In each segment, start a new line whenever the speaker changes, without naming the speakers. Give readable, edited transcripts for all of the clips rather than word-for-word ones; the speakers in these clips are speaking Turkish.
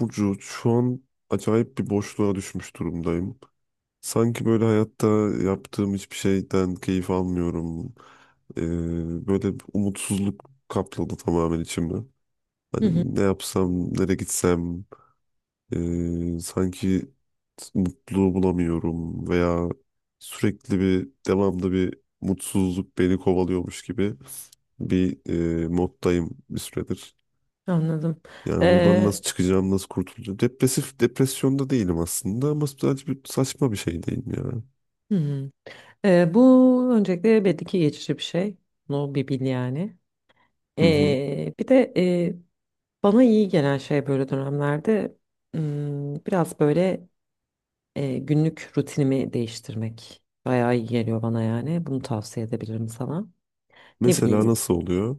Burcu, şu an acayip bir boşluğa düşmüş durumdayım. Sanki böyle hayatta yaptığım hiçbir şeyden keyif almıyorum. Böyle bir umutsuzluk kapladı tamamen içimi.
Hı hı,
Hani ne yapsam, nereye gitsem, sanki mutluluğu bulamıyorum veya sürekli devamlı bir mutsuzluk beni kovalıyormuş gibi bir moddayım bir süredir.
anladım.
Yani buradan
Ee,
nasıl çıkacağım, nasıl kurtulacağım? Depresif, depresyonda değilim aslında ama sadece bir saçma bir şey değil ya.
hı hı. Bu öncelikle belli ki geçici bir şey. No bir bil yani.
Hı hı.
Bir de bana iyi gelen şey böyle dönemlerde biraz böyle günlük rutinimi değiştirmek. Bayağı iyi geliyor bana yani. Bunu tavsiye edebilirim sana. Ne
Mesela
bileyim
nasıl oluyor?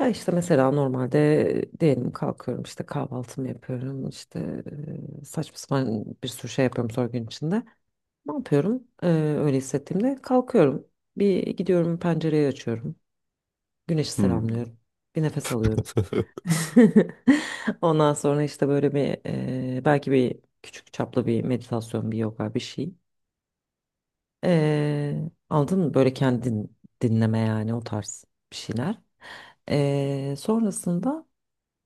ya işte mesela normalde diyelim kalkıyorum işte kahvaltımı yapıyorum işte saçma sapan bir sürü şey yapıyorum sonra gün içinde. Ne yapıyorum? Öyle hissettiğimde kalkıyorum. Bir gidiyorum pencereyi açıyorum. Güneşi
Hmm.
selamlıyorum. Bir nefes alıyorum. Ondan sonra işte böyle bir belki bir küçük çaplı bir meditasyon, bir yoga bir şey. Ee, aldın mı böyle kendin dinleme yani o tarz bir şeyler. Sonrasında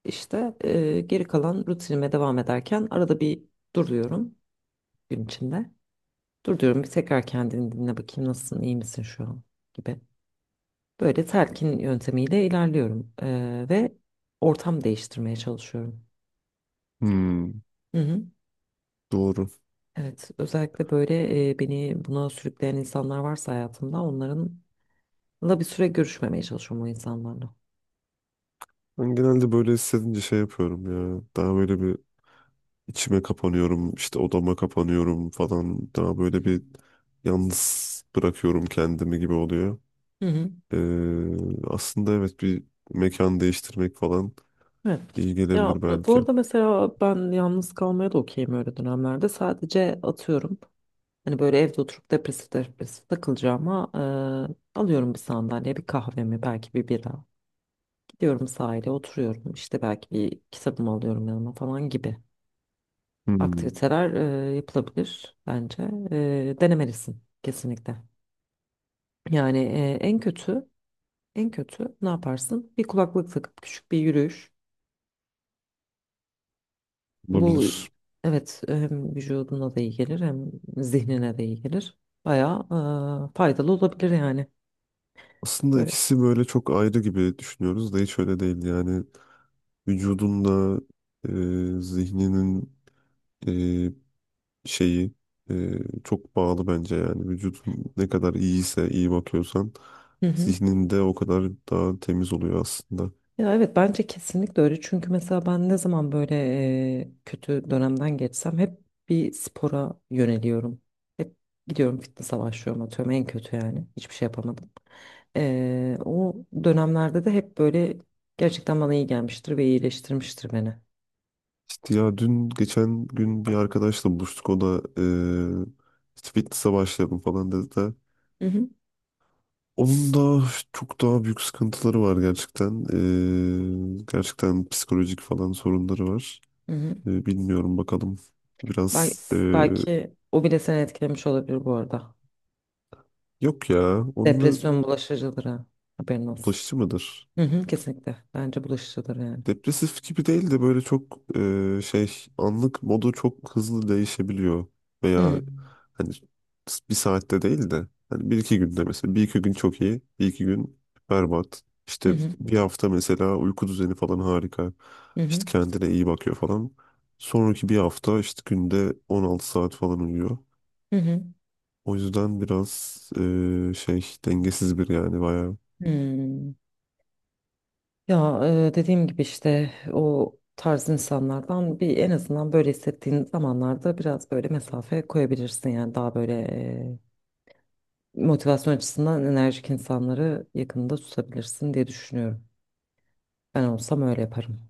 işte geri kalan rutinime devam ederken arada bir duruyorum gün içinde. Dur diyorum bir tekrar kendini dinle bakayım nasılsın, iyi misin şu an gibi. Böyle telkin yöntemiyle ilerliyorum. Ve ortam değiştirmeye çalışıyorum.
Hmm.
Hı hı.
Doğru.
Evet, özellikle böyle beni buna sürükleyen insanlar varsa hayatımda onlarınla bir süre görüşmemeye çalışıyorum o insanlarla.
Ben genelde böyle hissedince şey yapıyorum ya. Daha böyle bir içime kapanıyorum, işte odama kapanıyorum falan. Daha böyle bir yalnız bırakıyorum kendimi gibi oluyor.
Hı hı.
Aslında evet bir mekan değiştirmek falan
Evet.
iyi
Ya
gelebilir
bu
belki.
arada mesela ben yalnız kalmaya da okeyim öyle dönemlerde. Sadece atıyorum. Hani böyle evde oturup depresif depresif takılacağıma alıyorum bir sandalye, bir kahvemi, belki bir bira. Diyorum sahile oturuyorum işte belki bir kitabımı alıyorum yanıma falan gibi.
Hmm.
Aktiviteler yapılabilir bence. Denemelisin kesinlikle. Yani en kötü ne yaparsın? Bir kulaklık takıp küçük bir yürüyüş. Bu
Olabilir.
evet hem vücuduna da iyi gelir hem zihnine de iyi gelir. Bayağı faydalı olabilir yani.
Aslında
Böyle.
ikisi böyle çok ayrı gibi düşünüyoruz da hiç öyle değil. Yani vücudunla e, zihninin e, şeyi e, çok bağlı bence yani. Vücudun ne kadar iyiyse, iyi bakıyorsan
Hı hı.
zihnin de o kadar daha temiz oluyor aslında.
Ya evet bence kesinlikle öyle. Çünkü mesela ben ne zaman böyle kötü dönemden geçsem hep bir spora yöneliyorum. Hep gidiyorum fitness'a başlıyorum atıyorum en kötü yani. Hiçbir şey yapamadım. O dönemlerde de hep böyle gerçekten bana iyi gelmiştir ve iyileştirmiştir beni.
İşte ya dün geçen gün bir arkadaşla buluştuk. O da e, işte fitness'a başladım falan dedi de.
Hı hı.
Onun da çok daha büyük sıkıntıları var gerçekten. E, gerçekten psikolojik falan sorunları var.
Hı hı.
E, bilmiyorum bakalım.
Bel-
Biraz
belki o bile seni etkilemiş olabilir bu arada.
yok ya. Onunla
Depresyon bulaşıcıdır ha. Haberin olsun.
bulaşıcı mıdır?
Hı hı, kesinlikle. Bence bulaşıcıdır yani.
Depresif gibi değil de böyle çok şey, anlık modu çok hızlı değişebiliyor.
Hı
Veya
hı.
hani bir saatte değil de hani bir iki günde, mesela bir iki gün çok iyi, bir iki gün berbat.
Hı
İşte
hı.
bir hafta mesela uyku düzeni falan harika.
Hı hı.
İşte kendine iyi bakıyor falan. Sonraki bir hafta işte günde 16 saat falan uyuyor.
Hı hı.
O yüzden biraz şey, dengesiz bir yani bayağı.
Hmm. Ya dediğim gibi işte o tarz insanlardan bir en azından böyle hissettiğin zamanlarda biraz böyle mesafe koyabilirsin yani daha böyle motivasyon açısından enerjik insanları yakında tutabilirsin diye düşünüyorum. Ben olsam öyle yaparım.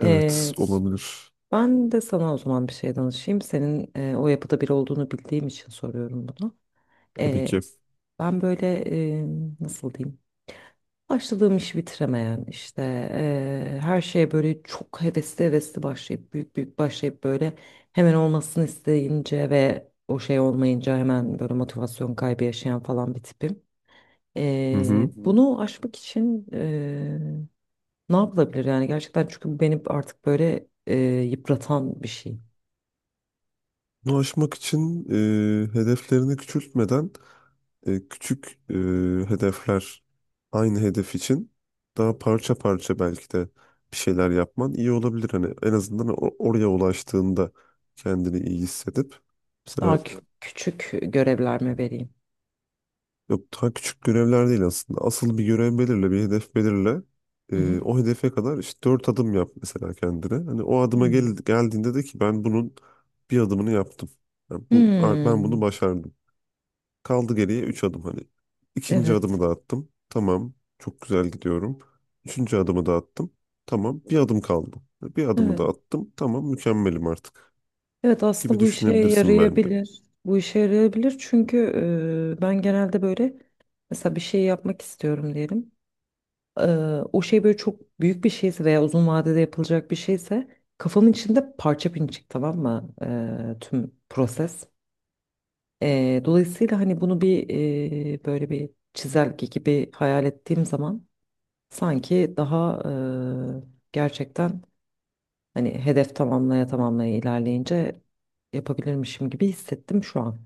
Evet
E,
olabilir
ben de sana o zaman bir şey danışayım. Senin o yapıda biri olduğunu bildiğim için soruyorum bunu.
tabii
E,
ki.
ben böyle e, nasıl diyeyim? Başladığım işi bitiremeyen işte her şeye böyle çok hevesli hevesli başlayıp büyük büyük başlayıp böyle hemen olmasını isteyince ve o şey olmayınca hemen böyle motivasyon kaybı yaşayan falan bir tipim.
Hı hı.
Bunu aşmak için ne yapılabilir yani gerçekten çünkü bu beni artık böyle yıpratan bir şey.
Bunu aşmak için hedeflerini küçültmeden küçük hedefler, aynı hedef için daha parça parça belki de bir şeyler yapman iyi olabilir. Hani en azından oraya ulaştığında kendini iyi hissedip.
Daha
Mesela
küçük görevler mi vereyim?
yok, daha küçük görevler değil aslında. Asıl bir görev belirle, bir hedef belirle.
Hı hı.
O hedefe kadar işte dört adım yap mesela kendine. Hani o adıma gel geldiğinde de ki ben bunun bir adımını yaptım. Yani bu, ben bunu
Hmm.
başardım. Kaldı geriye üç adım hani. İkinci
Evet,
adımı da attım. Tamam, çok güzel gidiyorum. Üçüncü adımı da attım. Tamam, bir adım kaldı. Bir adımı
evet.
da attım. Tamam, mükemmelim artık
Evet
gibi
aslında bu işe
düşünebilirsin bence.
yarayabilir. Bu işe yarayabilir çünkü ben genelde böyle mesela bir şey yapmak istiyorum diyelim. E, o şey böyle çok büyük bir şeyse veya uzun vadede yapılacak bir şeyse kafamın içinde parça pinçik tamam mı? Tüm proses. Dolayısıyla hani bunu bir böyle bir çizelge gibi hayal ettiğim zaman sanki daha gerçekten hani hedef tamamlaya tamamlaya ilerleyince yapabilirmişim gibi hissettim şu an.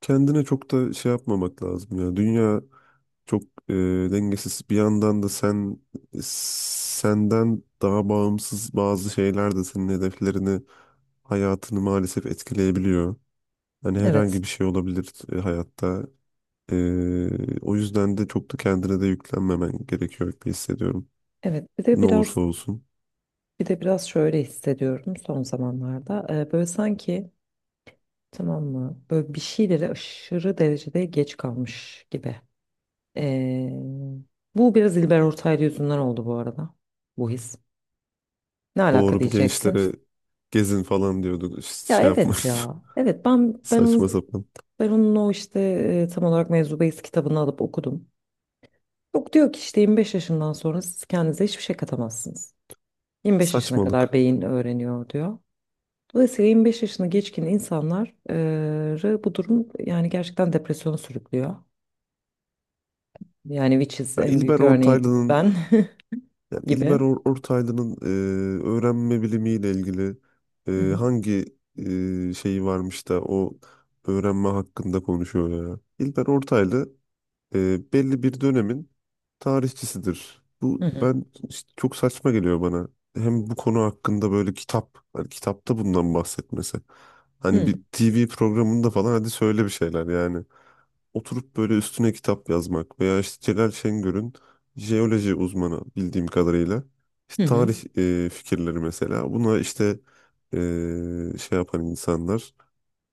Kendine çok da şey yapmamak lazım ya. Dünya çok e, dengesiz. Bir yandan da sen, senden daha bağımsız bazı şeyler de senin hedeflerini, hayatını maalesef etkileyebiliyor. Hani
Evet,
herhangi bir şey olabilir hayatta. E, o yüzden de çok da kendine de yüklenmemen gerekiyor gibi hissediyorum.
evet. Bir de
Ne
biraz
olursa olsun.
bir de biraz şöyle hissediyorum son zamanlarda. Böyle sanki tamam mı? Böyle bir şeylere aşırı derecede geç kalmış gibi. Ee, bu biraz İlber Ortaylı yüzünden oldu bu arada. Bu his. Ne alaka
Doğru, bir
diyeceksin?
gençlere gezin falan diyordu. İşte
Ya
şey
evet
yapmış.
ya. Evet ben ben
Saçma
onun
sapan.
o işte tam olarak Mevzu Beyiz kitabını alıp okudum. Yok diyor ki işte 25 yaşından sonra siz kendinize hiçbir şey katamazsınız. 25 yaşına kadar
Saçmalık.
beyin öğreniyor diyor. Dolayısıyla 25 yaşını geçkin insanları bu durum yani gerçekten depresyona sürüklüyor. Yani which is
Ya
en büyük
İlber
örneği
Ortaylı'nın,
ben
yani
gibi.
İlber Ortaylı'nın öğrenme bilimiyle ilgili
Hı hı,
hangi şeyi varmış da o öğrenme hakkında konuşuyor ya. İlber Ortaylı belli bir dönemin tarihçisidir.
hı
Bu,
hı,
ben işte çok saçma geliyor bana. Hem bu konu hakkında böyle kitap, hani kitapta bundan bahsetmesi.
hı
Hani
hı,
bir TV programında falan hadi söyle bir şeyler yani. Oturup böyle üstüne kitap yazmak veya işte Celal Şengör'ün jeoloji uzmanı bildiğim kadarıyla işte
hı
tarih fikirleri mesela. Buna işte e, şey yapan insanlar,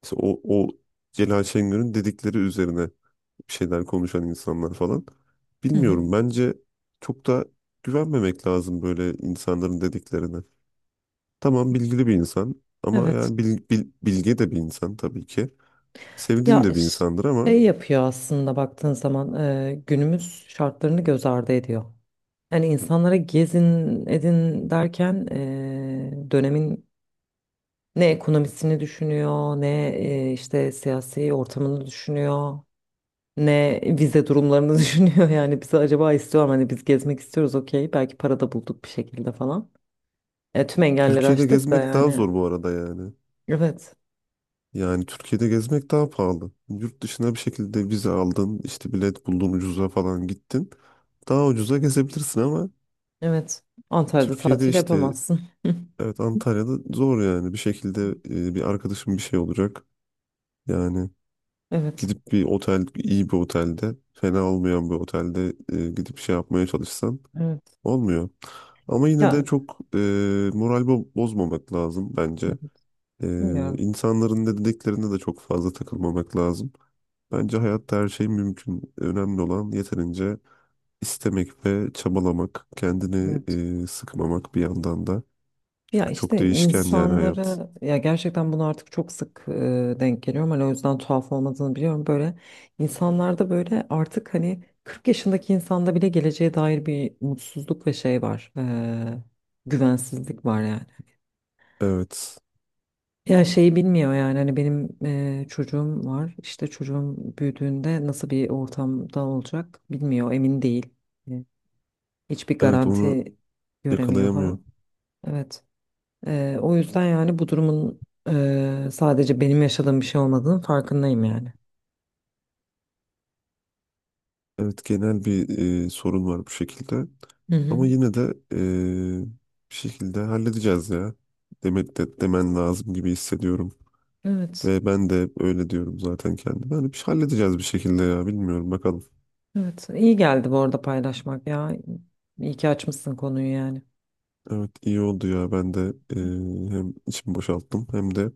işte o Celal Şengör'ün dedikleri üzerine bir şeyler konuşan insanlar falan.
hı. Hı.
Bilmiyorum, bence çok da güvenmemek lazım böyle insanların dediklerine. Tamam, bilgili bir insan ama
Evet.
yani bilge de bir insan tabii ki. Sevdiğim
Ya
de bir insandır ama
şey yapıyor aslında baktığın zaman günümüz şartlarını göz ardı ediyor. Yani insanlara gezin edin derken dönemin ne ekonomisini düşünüyor, ne işte siyasi ortamını düşünüyor, ne vize durumlarını düşünüyor. Yani bizi acaba istiyor mu? Hani biz gezmek istiyoruz okey. Belki para da bulduk bir şekilde falan. Tüm engelleri
Türkiye'de
aştık da
gezmek daha
yani.
zor bu arada yani.
Evet,
Yani Türkiye'de gezmek daha pahalı. Yurt dışına bir şekilde vize aldın, işte bilet buldun ucuza falan gittin. Daha ucuza gezebilirsin ama
evet. Antalya'da
Türkiye'de
tatil
işte,
yapamazsın.
evet, Antalya'da zor yani. Bir şekilde bir arkadaşım bir şey olacak. Yani
Evet,
gidip bir otel, iyi bir otelde, fena olmayan bir otelde gidip şey yapmaya çalışsan
evet.
olmuyor. Ama yine de
Ya
çok moral bozmamak lazım bence. E,
bilmiyorum.
insanların ne dediklerine de çok fazla takılmamak lazım. Bence hayatta her şey mümkün. Önemli olan yeterince istemek ve çabalamak, kendini sıkmamak bir yandan da.
Ya
Çünkü çok
işte
değişken yani hayat.
insanları ya gerçekten bunu artık çok sık denk geliyorum. Hani o yüzden tuhaf olmadığını biliyorum. Böyle insanlarda böyle artık hani 40 yaşındaki insanda bile geleceğe dair bir mutsuzluk ve şey var. Güvensizlik var yani.
Evet,
Ya şeyi bilmiyor yani hani benim çocuğum var. İşte çocuğum büyüdüğünde nasıl bir ortamda olacak bilmiyor, emin değil. E, Hiçbir
evet, onu
garanti göremiyor
yakalayamıyor.
falan. Evet. O yüzden yani bu durumun sadece benim yaşadığım bir şey olmadığının farkındayım yani.
Evet, genel bir sorun var bu şekilde.
Hı
Ama
hı.
yine de bir şekilde halledeceğiz ya. Demek de demen lazım gibi hissediyorum.
Evet.
Ve ben de hep öyle diyorum zaten kendime. Hani bir şey halledeceğiz bir şekilde ya, bilmiyorum bakalım.
Evet. İyi geldi bu arada paylaşmak ya. İyi ki açmışsın konuyu yani.
Evet, iyi oldu ya. Ben de hem içimi boşalttım hem de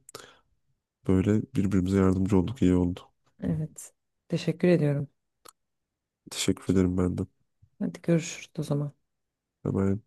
böyle birbirimize yardımcı olduk, iyi oldu.
Evet. Teşekkür ediyorum.
Teşekkür ederim ben de.
Hadi görüşürüz o zaman.
Hemen